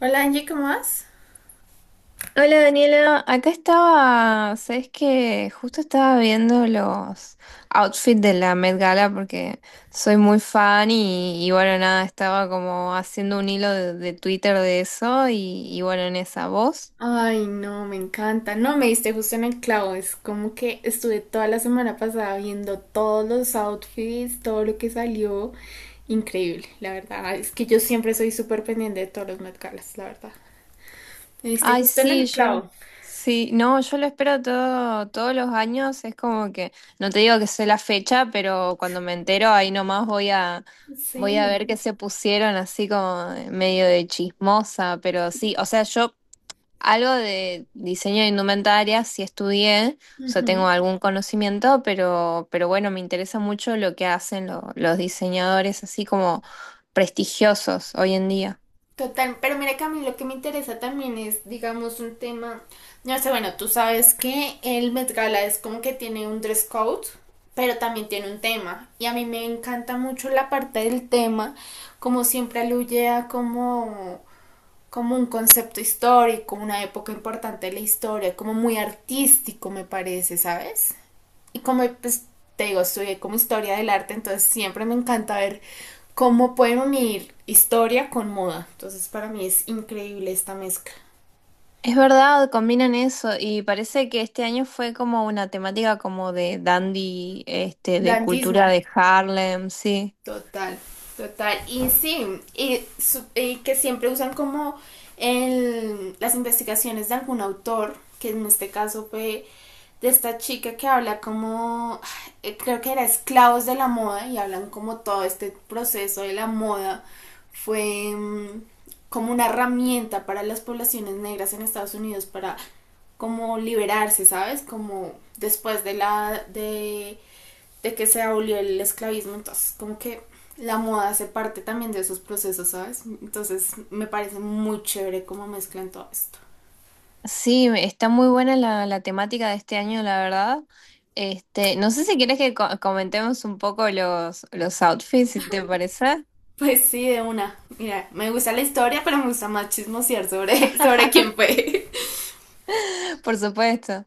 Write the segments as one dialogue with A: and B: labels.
A: Hola Angie, ¿cómo vas?
B: Hola Daniela, acá estaba, sabes que justo estaba viendo los outfits de la Met Gala porque soy muy fan y bueno, nada, estaba como haciendo un hilo de Twitter de eso y bueno, en esa voz.
A: Ay, no, me encanta. No, me diste justo en el clavo. Es como que estuve toda la semana pasada viendo todos los outfits, todo lo que salió. Increíble, la verdad. Es que yo siempre soy súper pendiente de todos los Met Galas, la verdad. Me diste
B: Ay,
A: justo en
B: sí,
A: el
B: yo,
A: clavo.
B: sí, no, yo lo espero todo, todos los años, es como que, no te digo que sé la fecha, pero cuando me entero ahí nomás voy a... Voy a
A: Sí.
B: ver qué se pusieron así como medio de chismosa, pero sí, o sea, yo algo de diseño de indumentaria sí estudié, o sea, tengo algún conocimiento, pero, bueno, me interesa mucho lo que hacen los diseñadores así como prestigiosos hoy en día.
A: Total, pero mira que a mí lo que me interesa también es, digamos, un tema, no sé, bueno, tú sabes que el Met Gala es como que tiene un dress code, pero también tiene un tema, y a mí me encanta mucho la parte del tema, como siempre aluye a como, como un concepto histórico, una época importante de la historia, como muy artístico me parece, ¿sabes? Y como pues te digo, estudié como historia del arte, entonces siempre me encanta ver cómo pueden unir historia con moda. Entonces para mí es increíble esta mezcla.
B: Es verdad, combinan eso y parece que este año fue como una temática como de dandy, este, de
A: Dandismo.
B: cultura de Harlem, sí.
A: Total, total. Y sí, y, y que siempre usan como las investigaciones de algún autor, que en este caso fue de esta chica que habla como, creo que era esclavos de la moda, y hablan como todo este proceso de la moda fue como una herramienta para las poblaciones negras en Estados Unidos para como liberarse, ¿sabes? Como después de la, de que se abolió el esclavismo, entonces como que la moda hace parte también de esos procesos, ¿sabes? Entonces me parece muy chévere cómo mezclan todo esto.
B: Sí, está muy buena la temática de este año, la verdad. Este, no sé si quieres que comentemos un poco los outfits, si te parece.
A: Pues sí, de una. Mira, me gusta la historia, pero me gusta más chismosear sobre, sobre quién fue.
B: Por supuesto.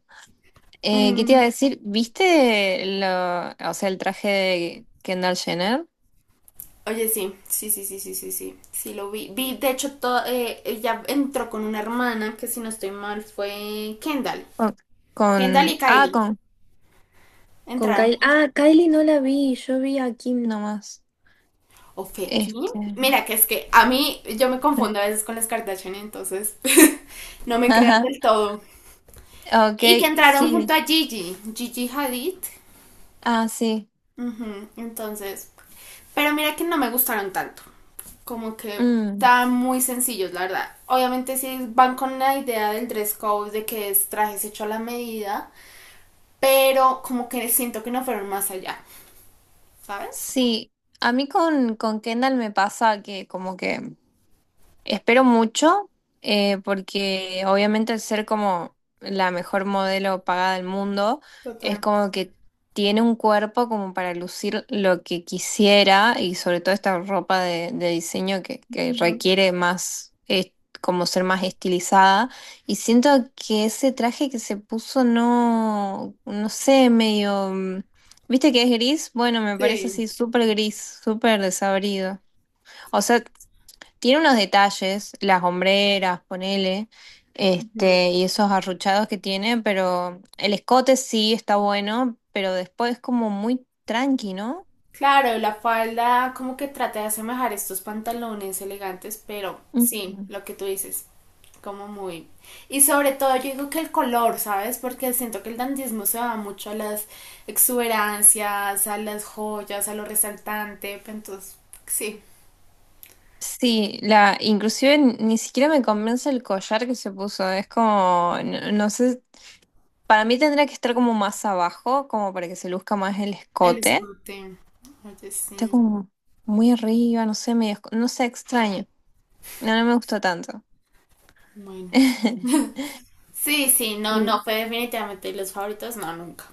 B: ¿Qué te iba
A: Mm.
B: a decir? ¿Viste lo, o sea, el traje de Kendall Jenner?
A: Oye, sí, sí, sí, sí, sí, sí, sí, sí lo vi. Vi, de hecho, todo, ella entró con una hermana que si no estoy mal fue Kendall.
B: Con,
A: Kendall
B: con-
A: y
B: ah,
A: Kylie
B: con, Con
A: entraron.
B: Kylie. Ah, Kylie no la vi, yo vi a Kim nomás.
A: ¿O fue Kim?
B: Este.
A: Mira, que es que a mí yo me confundo a veces con las Kardashian, entonces no me creas
B: Ajá.
A: del todo.
B: Ok,
A: Y que entraron
B: sí.
A: junto a Gigi, Gigi Hadid.
B: Ah, sí.
A: Ujú. Entonces, pero mira que no me gustaron tanto. Como que
B: Mm,
A: estaban muy sencillos, la verdad. Obviamente sí van con la idea del dress code, de que es trajes hecho a la medida, pero como que siento que no fueron más allá, ¿sabes?
B: sí. A mí con Kendall me pasa que como que espero mucho, porque obviamente al ser como la mejor modelo pagada del mundo, es
A: Total.
B: como que tiene un cuerpo como para lucir lo que quisiera y sobre todo esta ropa de diseño que
A: Ujú.
B: requiere más, como ser más estilizada. Y siento que ese traje que se puso no, no sé, medio... ¿viste que es gris? Bueno, me parece
A: Sí.
B: así súper gris, súper desabrido. O sea... Tiene unos detalles, las hombreras, ponele,
A: Ujú.
B: este, y esos arruchados que tiene, pero el escote sí está bueno, pero después es como muy tranqui, ¿no?
A: Claro, la falda como que trata de asemejar estos pantalones elegantes, pero sí,
B: Mm.
A: lo que tú dices, como muy... Y sobre todo yo digo que el color, ¿sabes? Porque siento que el dandismo se va mucho a las exuberancias, a las joyas, a lo resaltante, pero entonces, sí,
B: Sí, la, inclusive ni siquiera me convence el collar que se puso, es como, no, no sé, para mí tendría que estar como más abajo, como para que se luzca más el
A: el
B: escote.
A: escote. Oye,
B: Está
A: sí,
B: como muy arriba, no sé, medio, no sé, extraño. No, no me gustó tanto.
A: bueno. Sí, sí, no, no,
B: Mm.
A: fue definitivamente los favoritos, no, nunca.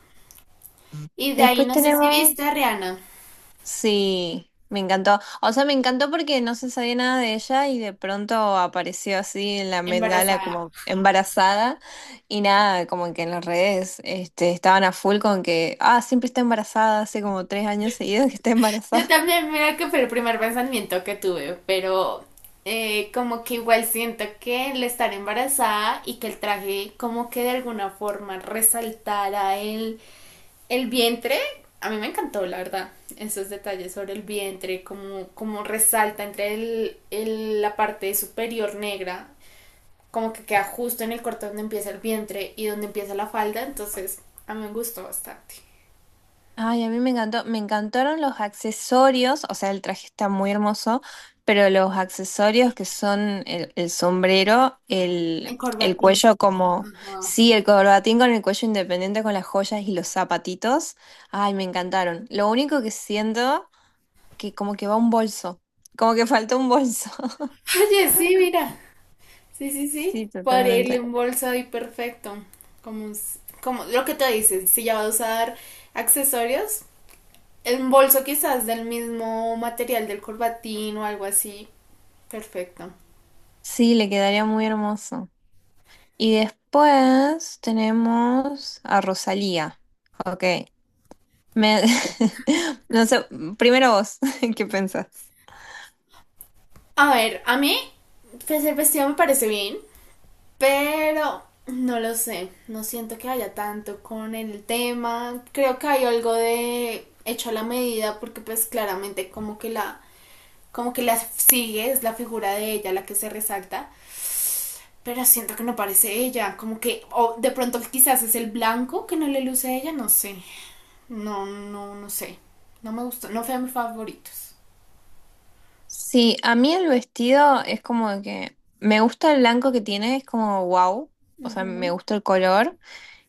A: Y de ahí
B: Después
A: no sé si viste
B: tenemos
A: a Rihanna
B: sí, me encantó. O sea, me encantó porque no se sabía nada de ella y de pronto apareció así en la Met Gala
A: embarazada.
B: como embarazada y nada, como que en las redes este, estaban a full con que, ah, siempre está embarazada, hace como 3 años seguidos que está
A: Yo
B: embarazada.
A: también, mira que fue el primer pensamiento que tuve, pero como que igual siento que el estar embarazada y que el traje como que de alguna forma resaltara el vientre, a mí me encantó, la verdad, esos detalles sobre el vientre, como, como resalta entre el, la parte superior negra, como que queda justo en el corte donde empieza el vientre y donde empieza la falda, entonces a mí me gustó bastante.
B: Ay, a mí me encantó, me encantaron los accesorios, o sea, el traje está muy hermoso, pero los accesorios que son el sombrero,
A: En
B: el
A: corbatín.
B: cuello como,
A: Ajá.
B: sí, el corbatín con el cuello independiente con las joyas y los zapatitos, ay, me encantaron. Lo único que siento que como que va un bolso, como que faltó un bolso.
A: Oye, sí, mira. Sí, sí, sí.
B: Sí,
A: Podría
B: totalmente.
A: irle un bolso y perfecto. Como, como lo que te dicen, si ya va a usar accesorios, un bolso quizás del mismo material del corbatín o algo así. Perfecto.
B: Sí, le quedaría muy hermoso. Y después tenemos a Rosalía. Ok. Me... no sé, primero vos, ¿qué pensás?
A: A ver, a mí pues, el vestido me parece bien, pero no lo sé. No siento que haya tanto con el tema. Creo que hay algo de hecho a la medida porque pues claramente como que la sigue, es la figura de ella la que se resalta. Pero siento que no parece ella, como que, o de pronto quizás es el blanco que no le luce a ella, no sé. No, no, no sé. No me gustó, no fue de mis favoritos.
B: Sí, a mí el vestido es como que me gusta el blanco que tiene, es como wow, o sea, me
A: Ujú.
B: gusta el color.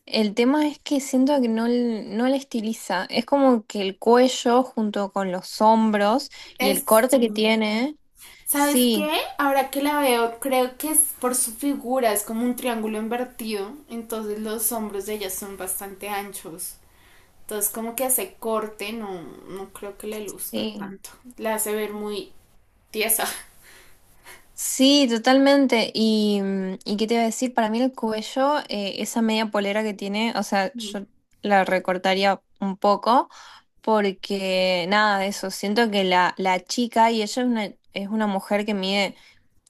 B: El tema es que siento que no, no le estiliza, es como que el cuello junto con los hombros y el
A: Es,
B: corte que tiene,
A: ¿sabes
B: sí,
A: qué? Ahora que la veo, creo que es por su figura, es como un triángulo invertido, entonces los hombros de ella son bastante anchos. Entonces como que hace corte, no, no creo que le luzca
B: sí.
A: tanto. La hace ver muy tiesa.
B: Sí, totalmente. Y, ¿y qué te iba a decir? Para mí el cuello, esa media polera que tiene, o sea, yo la recortaría un poco porque nada de eso. Siento que la chica, y ella es una mujer que mide,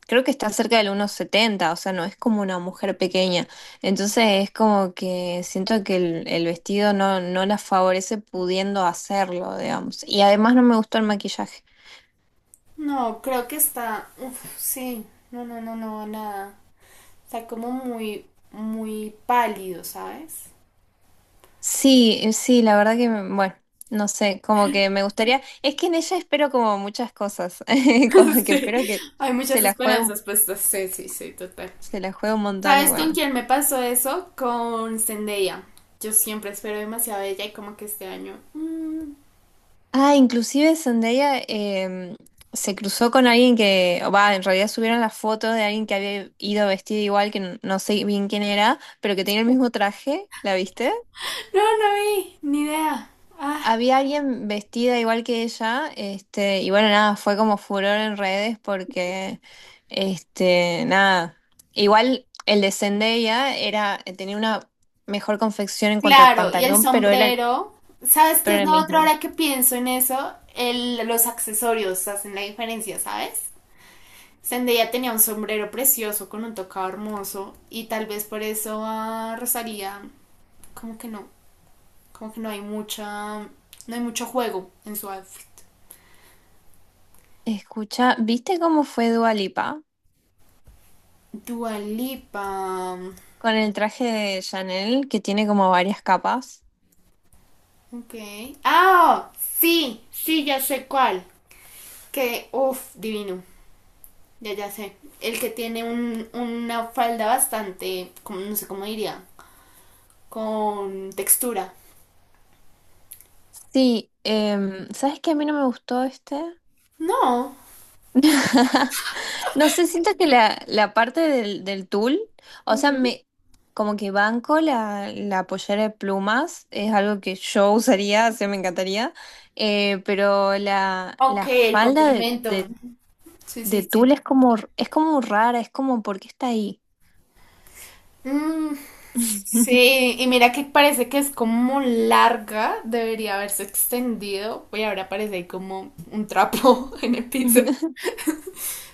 B: creo que está cerca del 1,70, o sea, no es como una mujer pequeña. Entonces es como que siento que el vestido no, no la favorece pudiendo hacerlo, digamos. Y además no me gustó el maquillaje.
A: No, creo que está, uf, sí, no, no, no, no, nada. Está como muy, muy pálido, ¿sabes?
B: Sí, sí, la verdad que, bueno, no sé, como que me gustaría, es que en ella espero como muchas cosas, como que
A: Sí,
B: espero que
A: hay
B: se
A: muchas
B: la juegue,
A: esperanzas puestas. Sí, sí, sí, total.
B: se la juegue un montón y
A: ¿Sabes con
B: bueno.
A: quién me pasó eso? Con Zendaya. Yo siempre espero demasiado de ella y como que este año...
B: Ah, inclusive Zendaya se cruzó con alguien que, o va, en realidad subieron la foto de alguien que había ido vestido igual, que no sé bien quién era, pero que tenía el mismo traje, ¿la viste?
A: no, no vi, ni idea. Ah,
B: Había alguien vestida igual que ella, este, y bueno, nada, fue como furor en redes porque, este, nada, igual el de Zendaya era, tenía una mejor confección en cuanto al
A: claro, y el
B: pantalón, pero era, el-
A: sombrero. ¿Sabes qué es
B: pero el
A: lo otro
B: mismo.
A: ahora que pienso en eso? El, los accesorios hacen la diferencia, ¿sabes? Zendaya tenía un sombrero precioso con un tocado hermoso y tal vez por eso a Rosalía como que no, como que no hay mucha, no hay mucho juego en su outfit.
B: Escucha, ¿viste cómo fue Dua Lipa
A: Dua Lipa,
B: con el traje de Chanel que tiene como varias capas?
A: ok. Ah, sí, sí, ya sé cuál. Que, uff, divino, ya ya sé. El que tiene un, una falda bastante, como, no sé cómo diría, con textura.
B: Sí, ¿sabes qué a mí no me gustó este?
A: No.
B: No sé, siento que la parte del, del tul, o sea,
A: Ujú.
B: me como que banco la, la pollera de plumas, es algo que yo usaría, o sea, me encantaría, pero la,
A: Ok,
B: la
A: el
B: falda
A: complemento. Sí,
B: de
A: sí, sí.
B: tul es como rara, es como, ¿por qué está ahí?
A: Mm, sí, y mira que parece que es como larga, debería haberse extendido, y ahora parece ahí como un trapo en el piso.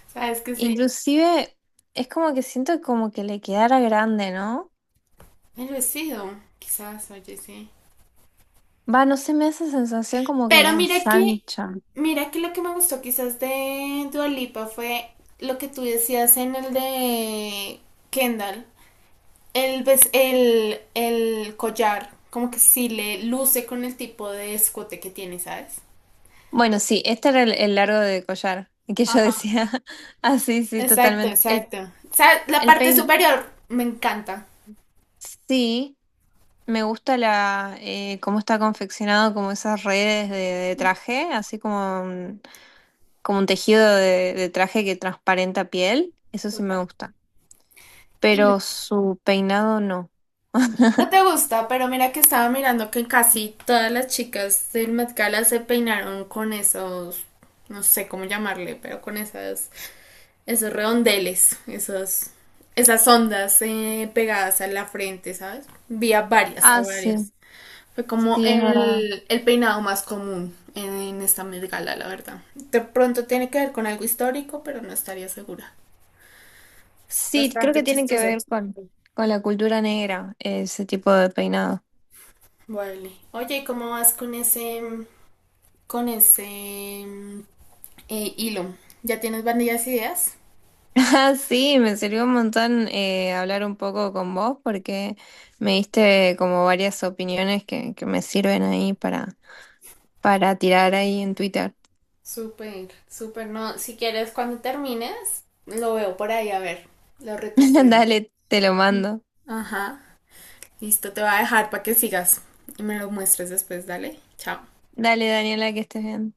A: ¿Sabes que sí?
B: Inclusive es como que siento como que le quedara grande, ¿no?
A: El vestido, quizás, oye, sí.
B: Va, no sé, me da esa sensación como que
A: Pero
B: la ensancha.
A: mira que lo que me gustó quizás de Dua Lipa fue lo que tú decías en el de Kendall. El, el collar, como que sí le luce con el tipo de escote que tiene, ¿sabes?
B: Bueno, sí, este era el largo de collar que yo decía. Ah, sí, sí,
A: Exacto,
B: totalmente. El,
A: exacto. O sea, la
B: el
A: parte
B: pein,
A: superior me encanta.
B: sí, me gusta la cómo está confeccionado, como esas redes de traje, así como un tejido de traje que transparenta piel. Eso sí me
A: Total.
B: gusta.
A: Y
B: Pero su peinado no.
A: no te gusta, pero mira que estaba mirando que casi todas las chicas del Met Gala se peinaron con esos, no sé cómo llamarle, pero con esas, esos redondeles, esos, esas ondas pegadas a la frente, ¿sabes? Vi a varias, a
B: Ah, sí,
A: varias. Fue como
B: sí, es verdad.
A: el peinado más común en, esta Met Gala, la verdad. De pronto tiene que ver con algo histórico, pero no estaría segura. Es
B: Sí, creo
A: bastante
B: que tiene que
A: chistoso.
B: ver con la cultura negra, ese tipo de peinado.
A: Vale. Oye, ¿y cómo vas con ese hilo? ¿Ya tienes varias ideas?
B: Ah, sí, me sirvió un montón hablar un poco con vos porque me diste como varias opiniones que me sirven ahí para tirar ahí en Twitter.
A: Súper, súper. No, si quieres, cuando termines, lo veo por ahí, a ver, lo retuiteo.
B: Dale, te lo mando.
A: Ajá. Listo, te voy a dejar para que sigas y me lo muestres después, dale. Chao.
B: Dale, Daniela, que estés bien.